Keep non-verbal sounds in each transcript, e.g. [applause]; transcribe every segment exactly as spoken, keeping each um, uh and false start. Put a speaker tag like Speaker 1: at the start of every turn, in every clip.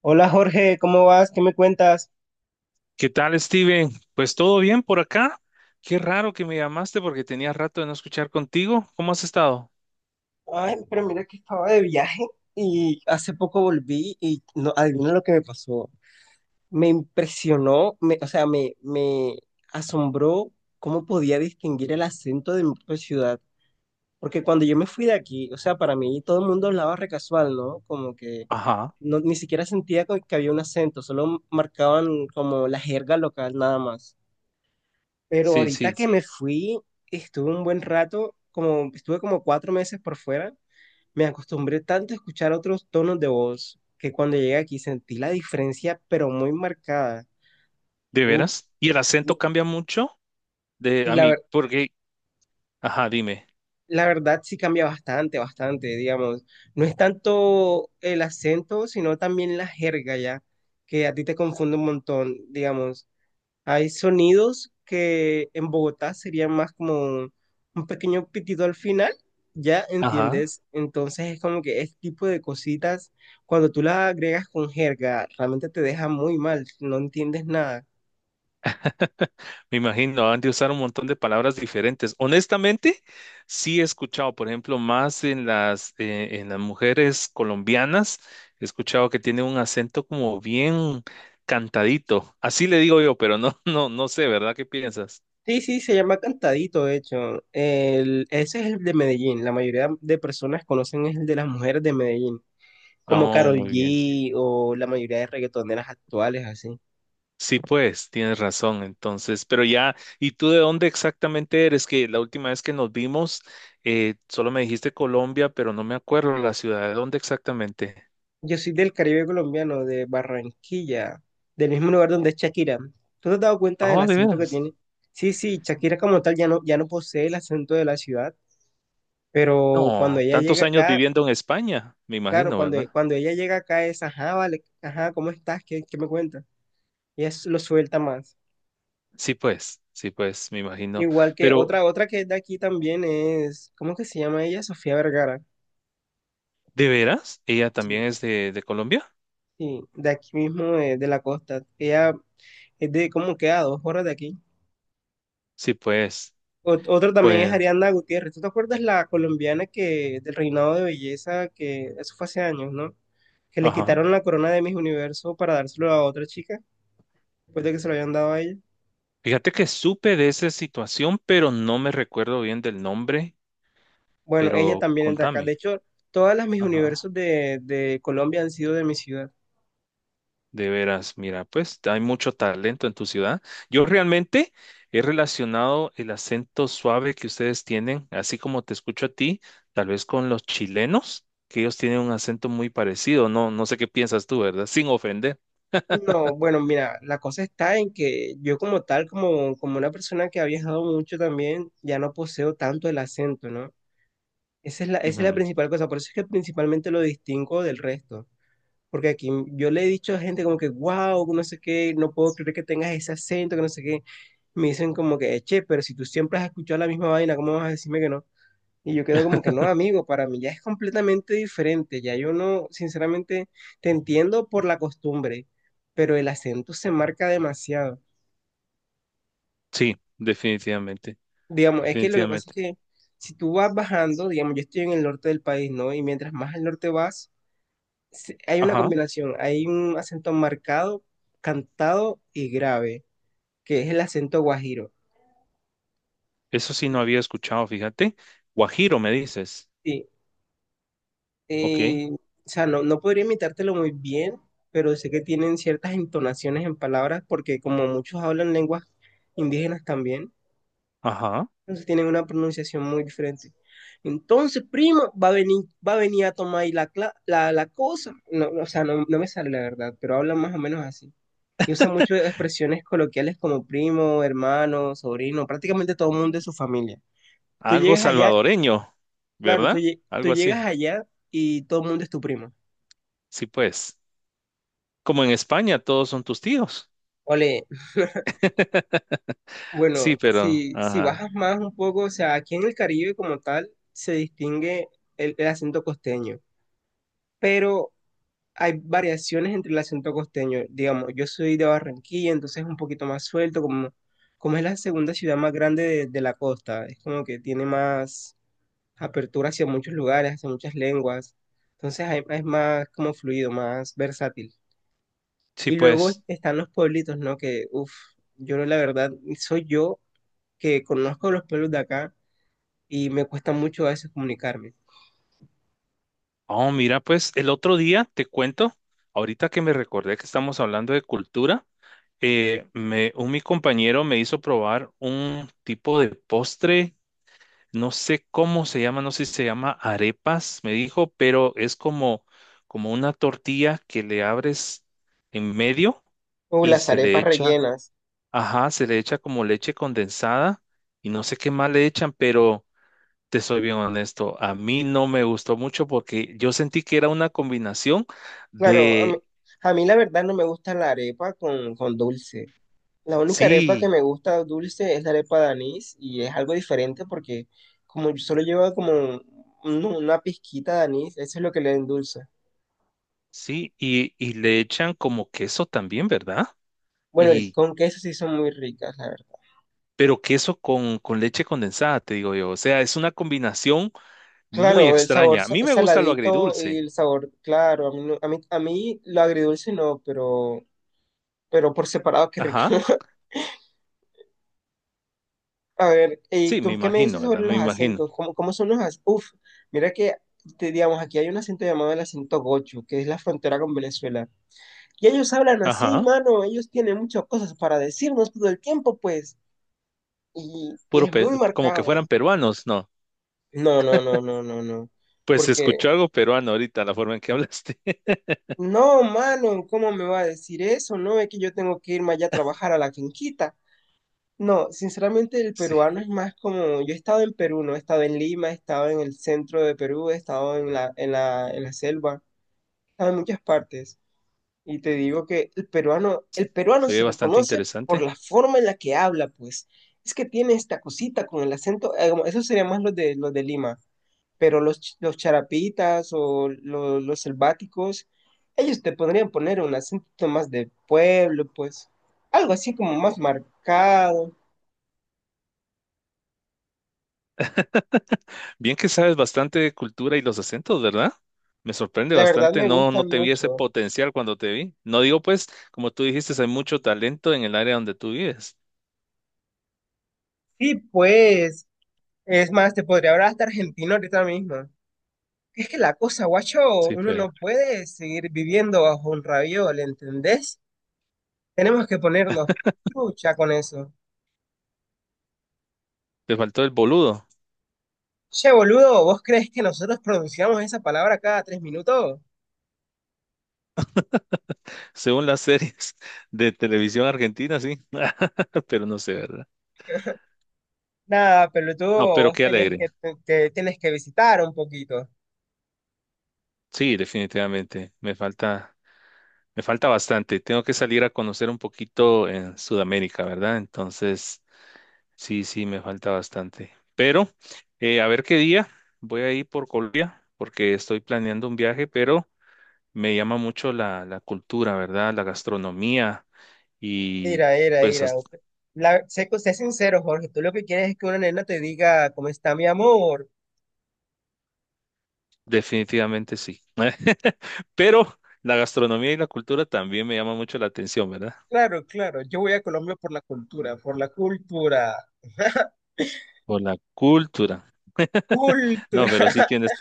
Speaker 1: Hola Jorge, ¿cómo vas? ¿Qué me cuentas?
Speaker 2: ¿Qué tal, Steven? Pues todo bien por acá. Qué raro que me llamaste porque tenía rato de no escuchar contigo. ¿Cómo has estado?
Speaker 1: Ay, pero mira que estaba de viaje y hace poco volví y no, adivina lo que me pasó. Me impresionó, me- o sea, me, me asombró cómo podía distinguir el acento de mi propia ciudad. Porque cuando yo me fui de aquí, o sea, para mí todo el mundo hablaba re casual, ¿no? Como que
Speaker 2: Ajá,
Speaker 1: no, ni siquiera sentía co- que había un acento, solo marcaban como la jerga local nada más. Pero
Speaker 2: sí,
Speaker 1: ahorita
Speaker 2: sí,
Speaker 1: que me fui, estuve un buen rato, como estuve como cuatro meses por fuera, me acostumbré tanto a escuchar otros tonos de voz que cuando llegué aquí sentí la diferencia, pero muy marcada.
Speaker 2: de
Speaker 1: Uf,
Speaker 2: veras. ¿Y el acento cambia mucho? De
Speaker 1: y
Speaker 2: a
Speaker 1: la,
Speaker 2: mí,
Speaker 1: ver-
Speaker 2: porque, ajá, dime.
Speaker 1: la verdad sí cambia bastante, bastante, digamos. No es tanto el acento, sino también la jerga ya, que a ti te confunde un montón, digamos. Hay sonidos que en Bogotá serían más como un, un pequeño pitido al final, ¿ya
Speaker 2: Ajá,
Speaker 1: entiendes? Entonces es como que este tipo de cositas, cuando tú las agregas con jerga, realmente te deja muy mal, no entiendes nada.
Speaker 2: me imagino, han de usar un montón de palabras diferentes. Honestamente, sí he escuchado, por ejemplo, más en las, eh, en las mujeres colombianas, he escuchado que tiene un acento como bien cantadito. Así le digo yo, pero no, [laughs] no, no sé, ¿verdad? ¿Qué piensas?
Speaker 1: Sí, sí, se llama cantadito, de hecho. El- ese es el de Medellín. La mayoría de personas conocen es el de las mujeres de Medellín, como
Speaker 2: Oh,
Speaker 1: Karol
Speaker 2: muy bien.
Speaker 1: G o la mayoría de reggaetoneras actuales, así.
Speaker 2: Sí, pues, tienes razón. Entonces, pero ya, ¿y tú de dónde exactamente eres? Que la última vez que nos vimos, eh, solo me dijiste Colombia, pero no me acuerdo la ciudad. ¿De dónde exactamente?
Speaker 1: Yo soy del Caribe colombiano, de Barranquilla, del mismo lugar donde es Shakira. ¿Tú te has dado cuenta del
Speaker 2: Oh, de
Speaker 1: acento que
Speaker 2: veras.
Speaker 1: tiene? Sí, sí, Shakira como tal ya no, ya no posee el acento de la ciudad, pero cuando
Speaker 2: No,
Speaker 1: ella
Speaker 2: tantos
Speaker 1: llega
Speaker 2: años
Speaker 1: acá,
Speaker 2: viviendo en España, me
Speaker 1: claro,
Speaker 2: imagino,
Speaker 1: cuando,
Speaker 2: ¿verdad?
Speaker 1: cuando ella llega acá es, ajá, vale, ajá, ¿cómo estás? ¿Qué, qué me cuentas? Y es, lo suelta más.
Speaker 2: Sí, pues, sí, pues, me imagino.
Speaker 1: Igual que
Speaker 2: Pero,
Speaker 1: otra, otra que es de aquí también es, ¿cómo que se llama ella? Sofía Vergara.
Speaker 2: ¿de veras? ¿Ella también
Speaker 1: Sí,
Speaker 2: es de, de Colombia?
Speaker 1: sí, de aquí mismo, eh, de la costa. Ella es de como que a dos horas de aquí.
Speaker 2: Sí, pues,
Speaker 1: Ot- Otro también es
Speaker 2: pues,
Speaker 1: Ariana Gutiérrez. ¿Tú te acuerdas la colombiana que del reinado de belleza que eso fue hace años, ¿no? Que le
Speaker 2: ajá.
Speaker 1: quitaron la corona de Miss Universo para dárselo a otra chica después de que se lo habían dado a ella.
Speaker 2: Fíjate que supe de esa situación, pero no me recuerdo bien del nombre.
Speaker 1: Bueno, ella
Speaker 2: Pero
Speaker 1: también es de acá. De
Speaker 2: contame,
Speaker 1: hecho, todas las Miss
Speaker 2: ajá,
Speaker 1: Universos de, de Colombia han sido de mi ciudad.
Speaker 2: de veras, mira, pues hay mucho talento en tu ciudad. Yo realmente he relacionado el acento suave que ustedes tienen, así como te escucho a ti, tal vez con los chilenos, que ellos tienen un acento muy parecido. No, no sé qué piensas tú, ¿verdad? Sin ofender.
Speaker 1: No, bueno, mira, la cosa está en que yo como tal, como, como una persona que ha viajado mucho también, ya no poseo tanto el acento, ¿no? Esa es la, esa es la
Speaker 2: Ujú.
Speaker 1: principal cosa, por eso es que principalmente lo distingo del resto. Porque aquí yo le he dicho a gente como que, wow, no sé qué, no puedo creer que tengas ese acento, que no sé qué. Me dicen como que, che, pero si tú siempre has escuchado la misma vaina, ¿cómo vas a decirme que no? Y yo quedo como que
Speaker 2: [laughs]
Speaker 1: no, amigo, para mí ya es completamente diferente. Ya yo no, sinceramente, te entiendo por la costumbre, pero el acento se marca demasiado.
Speaker 2: Sí, definitivamente,
Speaker 1: Digamos, es que lo que pasa
Speaker 2: definitivamente.
Speaker 1: es que si tú vas bajando, digamos, yo estoy en el norte del país, ¿no? Y mientras más al norte vas, sí, hay una
Speaker 2: Ajá,
Speaker 1: combinación, hay un acento marcado, cantado y grave, que es el acento guajiro.
Speaker 2: eso sí no había escuchado, fíjate. Guajiro, me dices.
Speaker 1: Sí,
Speaker 2: Ok,
Speaker 1: eh, o sea, no, no podría imitártelo muy bien, pero sé que tienen ciertas entonaciones en palabras, porque como muchos hablan lenguas indígenas también,
Speaker 2: ajá.
Speaker 1: entonces tienen una pronunciación muy diferente. Entonces, prima, va a venir, va a venir a tomar ahí la, cla- la, la cosa. No, no, o sea, no, no me sale la verdad, pero hablan más o menos así. Y usa mucho expresiones coloquiales como primo, hermano, sobrino, prácticamente todo el mundo es su familia. Tú
Speaker 2: Algo
Speaker 1: llegas allá,
Speaker 2: salvadoreño,
Speaker 1: claro, tú,
Speaker 2: ¿verdad?
Speaker 1: lle- tú
Speaker 2: Algo
Speaker 1: llegas
Speaker 2: así.
Speaker 1: allá y todo el mundo es tu primo.
Speaker 2: Sí, pues. Como en España, todos son tus tíos.
Speaker 1: Ole, [laughs]
Speaker 2: [laughs] Sí,
Speaker 1: bueno,
Speaker 2: pero,
Speaker 1: si, si bajas
Speaker 2: ajá.
Speaker 1: más un poco, o sea, aquí en el Caribe como tal se distingue el, el acento costeño, pero hay variaciones entre el acento costeño. Digamos, yo soy de Barranquilla, entonces es un poquito más suelto, como, como es la segunda ciudad más grande de, de la costa, es como que tiene más apertura hacia muchos lugares, hacia muchas lenguas. Entonces hay- es más como fluido, más versátil.
Speaker 2: Sí,
Speaker 1: Y luego
Speaker 2: pues.
Speaker 1: están los pueblitos, ¿no? Que, uff, yo la verdad, soy yo que conozco los pueblos de acá y me cuesta mucho a veces comunicarme.
Speaker 2: Oh, mira, pues el otro día te cuento, ahorita que me recordé que estamos hablando de cultura, eh, me, un mi compañero me hizo probar un tipo de postre, no sé cómo se llama, no sé si se llama arepas, me dijo, pero es como, como una tortilla que le abres en medio
Speaker 1: O
Speaker 2: y
Speaker 1: las
Speaker 2: se le
Speaker 1: arepas
Speaker 2: echa.
Speaker 1: rellenas.
Speaker 2: Ajá, se le echa como leche condensada y no sé qué más le echan, pero te soy bien honesto, a mí no me gustó mucho porque yo sentí que era una combinación
Speaker 1: Claro, a mí,
Speaker 2: de,
Speaker 1: a mí la verdad no me gusta la arepa con, con dulce. La única arepa que
Speaker 2: sí,
Speaker 1: me gusta dulce es la arepa de anís y es algo diferente porque como solo lleva como un- una pizquita de anís, eso es lo que le endulza.
Speaker 2: sí, y, y le echan como queso también, ¿verdad?
Speaker 1: Bueno, el-
Speaker 2: Y,
Speaker 1: con queso sí son muy ricas, la verdad.
Speaker 2: pero queso con, con leche condensada, te digo yo, o sea, es una combinación muy
Speaker 1: Claro, el sabor
Speaker 2: extraña. A
Speaker 1: sa-
Speaker 2: mí me gusta lo
Speaker 1: saladito y
Speaker 2: agridulce,
Speaker 1: el sabor claro. A mí, no- a mí, a mí lo agridulce no, pero, pero por separado, qué rico.
Speaker 2: ajá,
Speaker 1: [laughs] A ver, ¿y
Speaker 2: sí, me
Speaker 1: tú qué me
Speaker 2: imagino,
Speaker 1: dices sobre
Speaker 2: ¿verdad? Me
Speaker 1: los
Speaker 2: imagino,
Speaker 1: acentos? ¿Cómo, cómo son los acentos? Uf, mira que, te, digamos, aquí hay un acento llamado el acento gocho, que es la frontera con Venezuela. Y ellos hablan así,
Speaker 2: ajá,
Speaker 1: mano. Ellos tienen muchas cosas para decirnos todo el tiempo, pues. Y, y
Speaker 2: puro,
Speaker 1: es muy
Speaker 2: pe- como que
Speaker 1: marcado, ¿eh?
Speaker 2: fueran peruanos, ¿no?
Speaker 1: No, no, no, no, no, no.
Speaker 2: Pues
Speaker 1: Porque
Speaker 2: escuchó algo peruano ahorita, la forma en que hablaste. [laughs]
Speaker 1: No, mano, ¿cómo me va a decir eso? No es que yo tengo que irme allá a trabajar a la finquita. No, sinceramente el
Speaker 2: Sí,
Speaker 1: peruano es más como, yo he estado en Perú, no he estado en Lima, he estado en el centro de Perú, he estado en la, en la, en la selva, he estado en muchas partes. Y te digo que el peruano, el peruano
Speaker 2: se ve
Speaker 1: se
Speaker 2: bastante
Speaker 1: reconoce por
Speaker 2: interesante.
Speaker 1: la forma en la que habla, pues. Es que tiene esta cosita con el acento, eh, como- eso sería más los de, los de Lima, pero los, ch- los charapitas o lo- los selváticos, ellos te podrían poner un acento más de pueblo, pues. Algo así como más marcado.
Speaker 2: Bien que sabes bastante de cultura y los acentos, ¿verdad? Me sorprende
Speaker 1: La verdad
Speaker 2: bastante.
Speaker 1: me
Speaker 2: No, no
Speaker 1: gustan
Speaker 2: te vi ese
Speaker 1: mucho.
Speaker 2: potencial cuando te vi. No digo, pues, como tú dijiste, hay mucho talento en el área donde tú vives.
Speaker 1: Sí, pues. Es más, te podría hablar hasta argentino ahorita mismo. Es que la cosa, guacho,
Speaker 2: Sí,
Speaker 1: uno
Speaker 2: pues,
Speaker 1: no puede seguir viviendo bajo un raviol, ¿entendés? Tenemos que ponernos lucha con eso.
Speaker 2: te faltó el boludo,
Speaker 1: Che, boludo, ¿vos crees que nosotros pronunciamos esa palabra cada tres minutos?
Speaker 2: según las series [laughs] de televisión argentina, sí. [laughs] Pero no sé, ¿verdad?
Speaker 1: Nada,
Speaker 2: No,
Speaker 1: pelotudo,
Speaker 2: pero
Speaker 1: vos
Speaker 2: qué
Speaker 1: tenés
Speaker 2: alegre.
Speaker 1: que, te, te- tenés que visitar un poquito.
Speaker 2: Sí, definitivamente. Me falta. Me falta bastante. Tengo que salir a conocer un poquito en Sudamérica, ¿verdad? Entonces, sí, sí, me falta bastante. Pero, eh, a ver qué día voy a ir por Colombia, porque estoy planeando un viaje, pero me llama mucho la, la cultura, ¿verdad? La gastronomía y
Speaker 1: Mira, mira,
Speaker 2: pues
Speaker 1: mira.
Speaker 2: as-
Speaker 1: Usted- La, sé, sé sincero, Jorge, tú lo que quieres es que una nena te diga, ¿cómo está mi amor?
Speaker 2: definitivamente sí. [laughs] Pero la gastronomía y la cultura también me llama mucho la atención, ¿verdad?
Speaker 1: Claro, claro, yo voy a Colombia por la cultura, por la cultura. [laughs]
Speaker 2: Por la cultura. No,
Speaker 1: Cultura.
Speaker 2: pero sí tienes.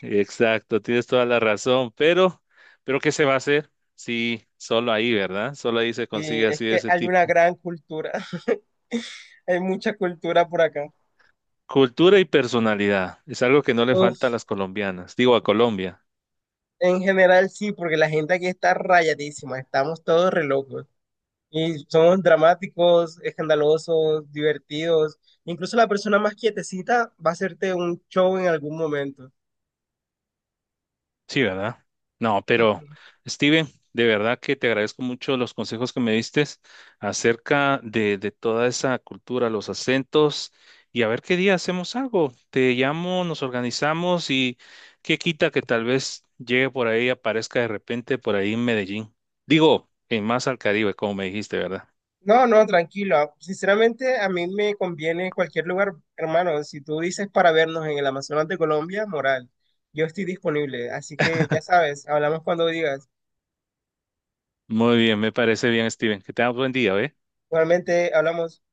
Speaker 2: Exacto, tienes toda la razón, pero, pero ¿qué se va a hacer? Sí, solo ahí, ¿verdad? Solo ahí se
Speaker 1: Y
Speaker 2: consigue
Speaker 1: es
Speaker 2: así de
Speaker 1: que
Speaker 2: ese
Speaker 1: hay una
Speaker 2: tipo.
Speaker 1: gran cultura, [laughs] hay mucha cultura por acá.
Speaker 2: Cultura y personalidad es algo que no le falta a
Speaker 1: Uf,
Speaker 2: las colombianas, digo a Colombia.
Speaker 1: en general sí, porque la gente aquí está rayadísima, estamos todos re locos. Y somos dramáticos, escandalosos, divertidos. Incluso la persona más quietecita va a hacerte un show en algún momento.
Speaker 2: Sí, ¿verdad? No, pero
Speaker 1: Ujú.
Speaker 2: Steven, de verdad que te agradezco mucho los consejos que me diste acerca de, de toda esa cultura, los acentos, y a ver qué día hacemos algo. Te llamo, nos organizamos y qué quita que tal vez llegue por ahí, aparezca de repente por ahí en Medellín. Digo, en más al Caribe, como me dijiste, ¿verdad?
Speaker 1: No, no, tranquilo. Sinceramente, a mí me conviene cualquier lugar, hermano. Si tú dices para vernos en el Amazonas de Colombia, moral, yo estoy disponible. Así que ya sabes, hablamos cuando digas.
Speaker 2: Muy bien, me parece bien, Steven. Que tengas buen día, ¿eh?
Speaker 1: Igualmente, hablamos.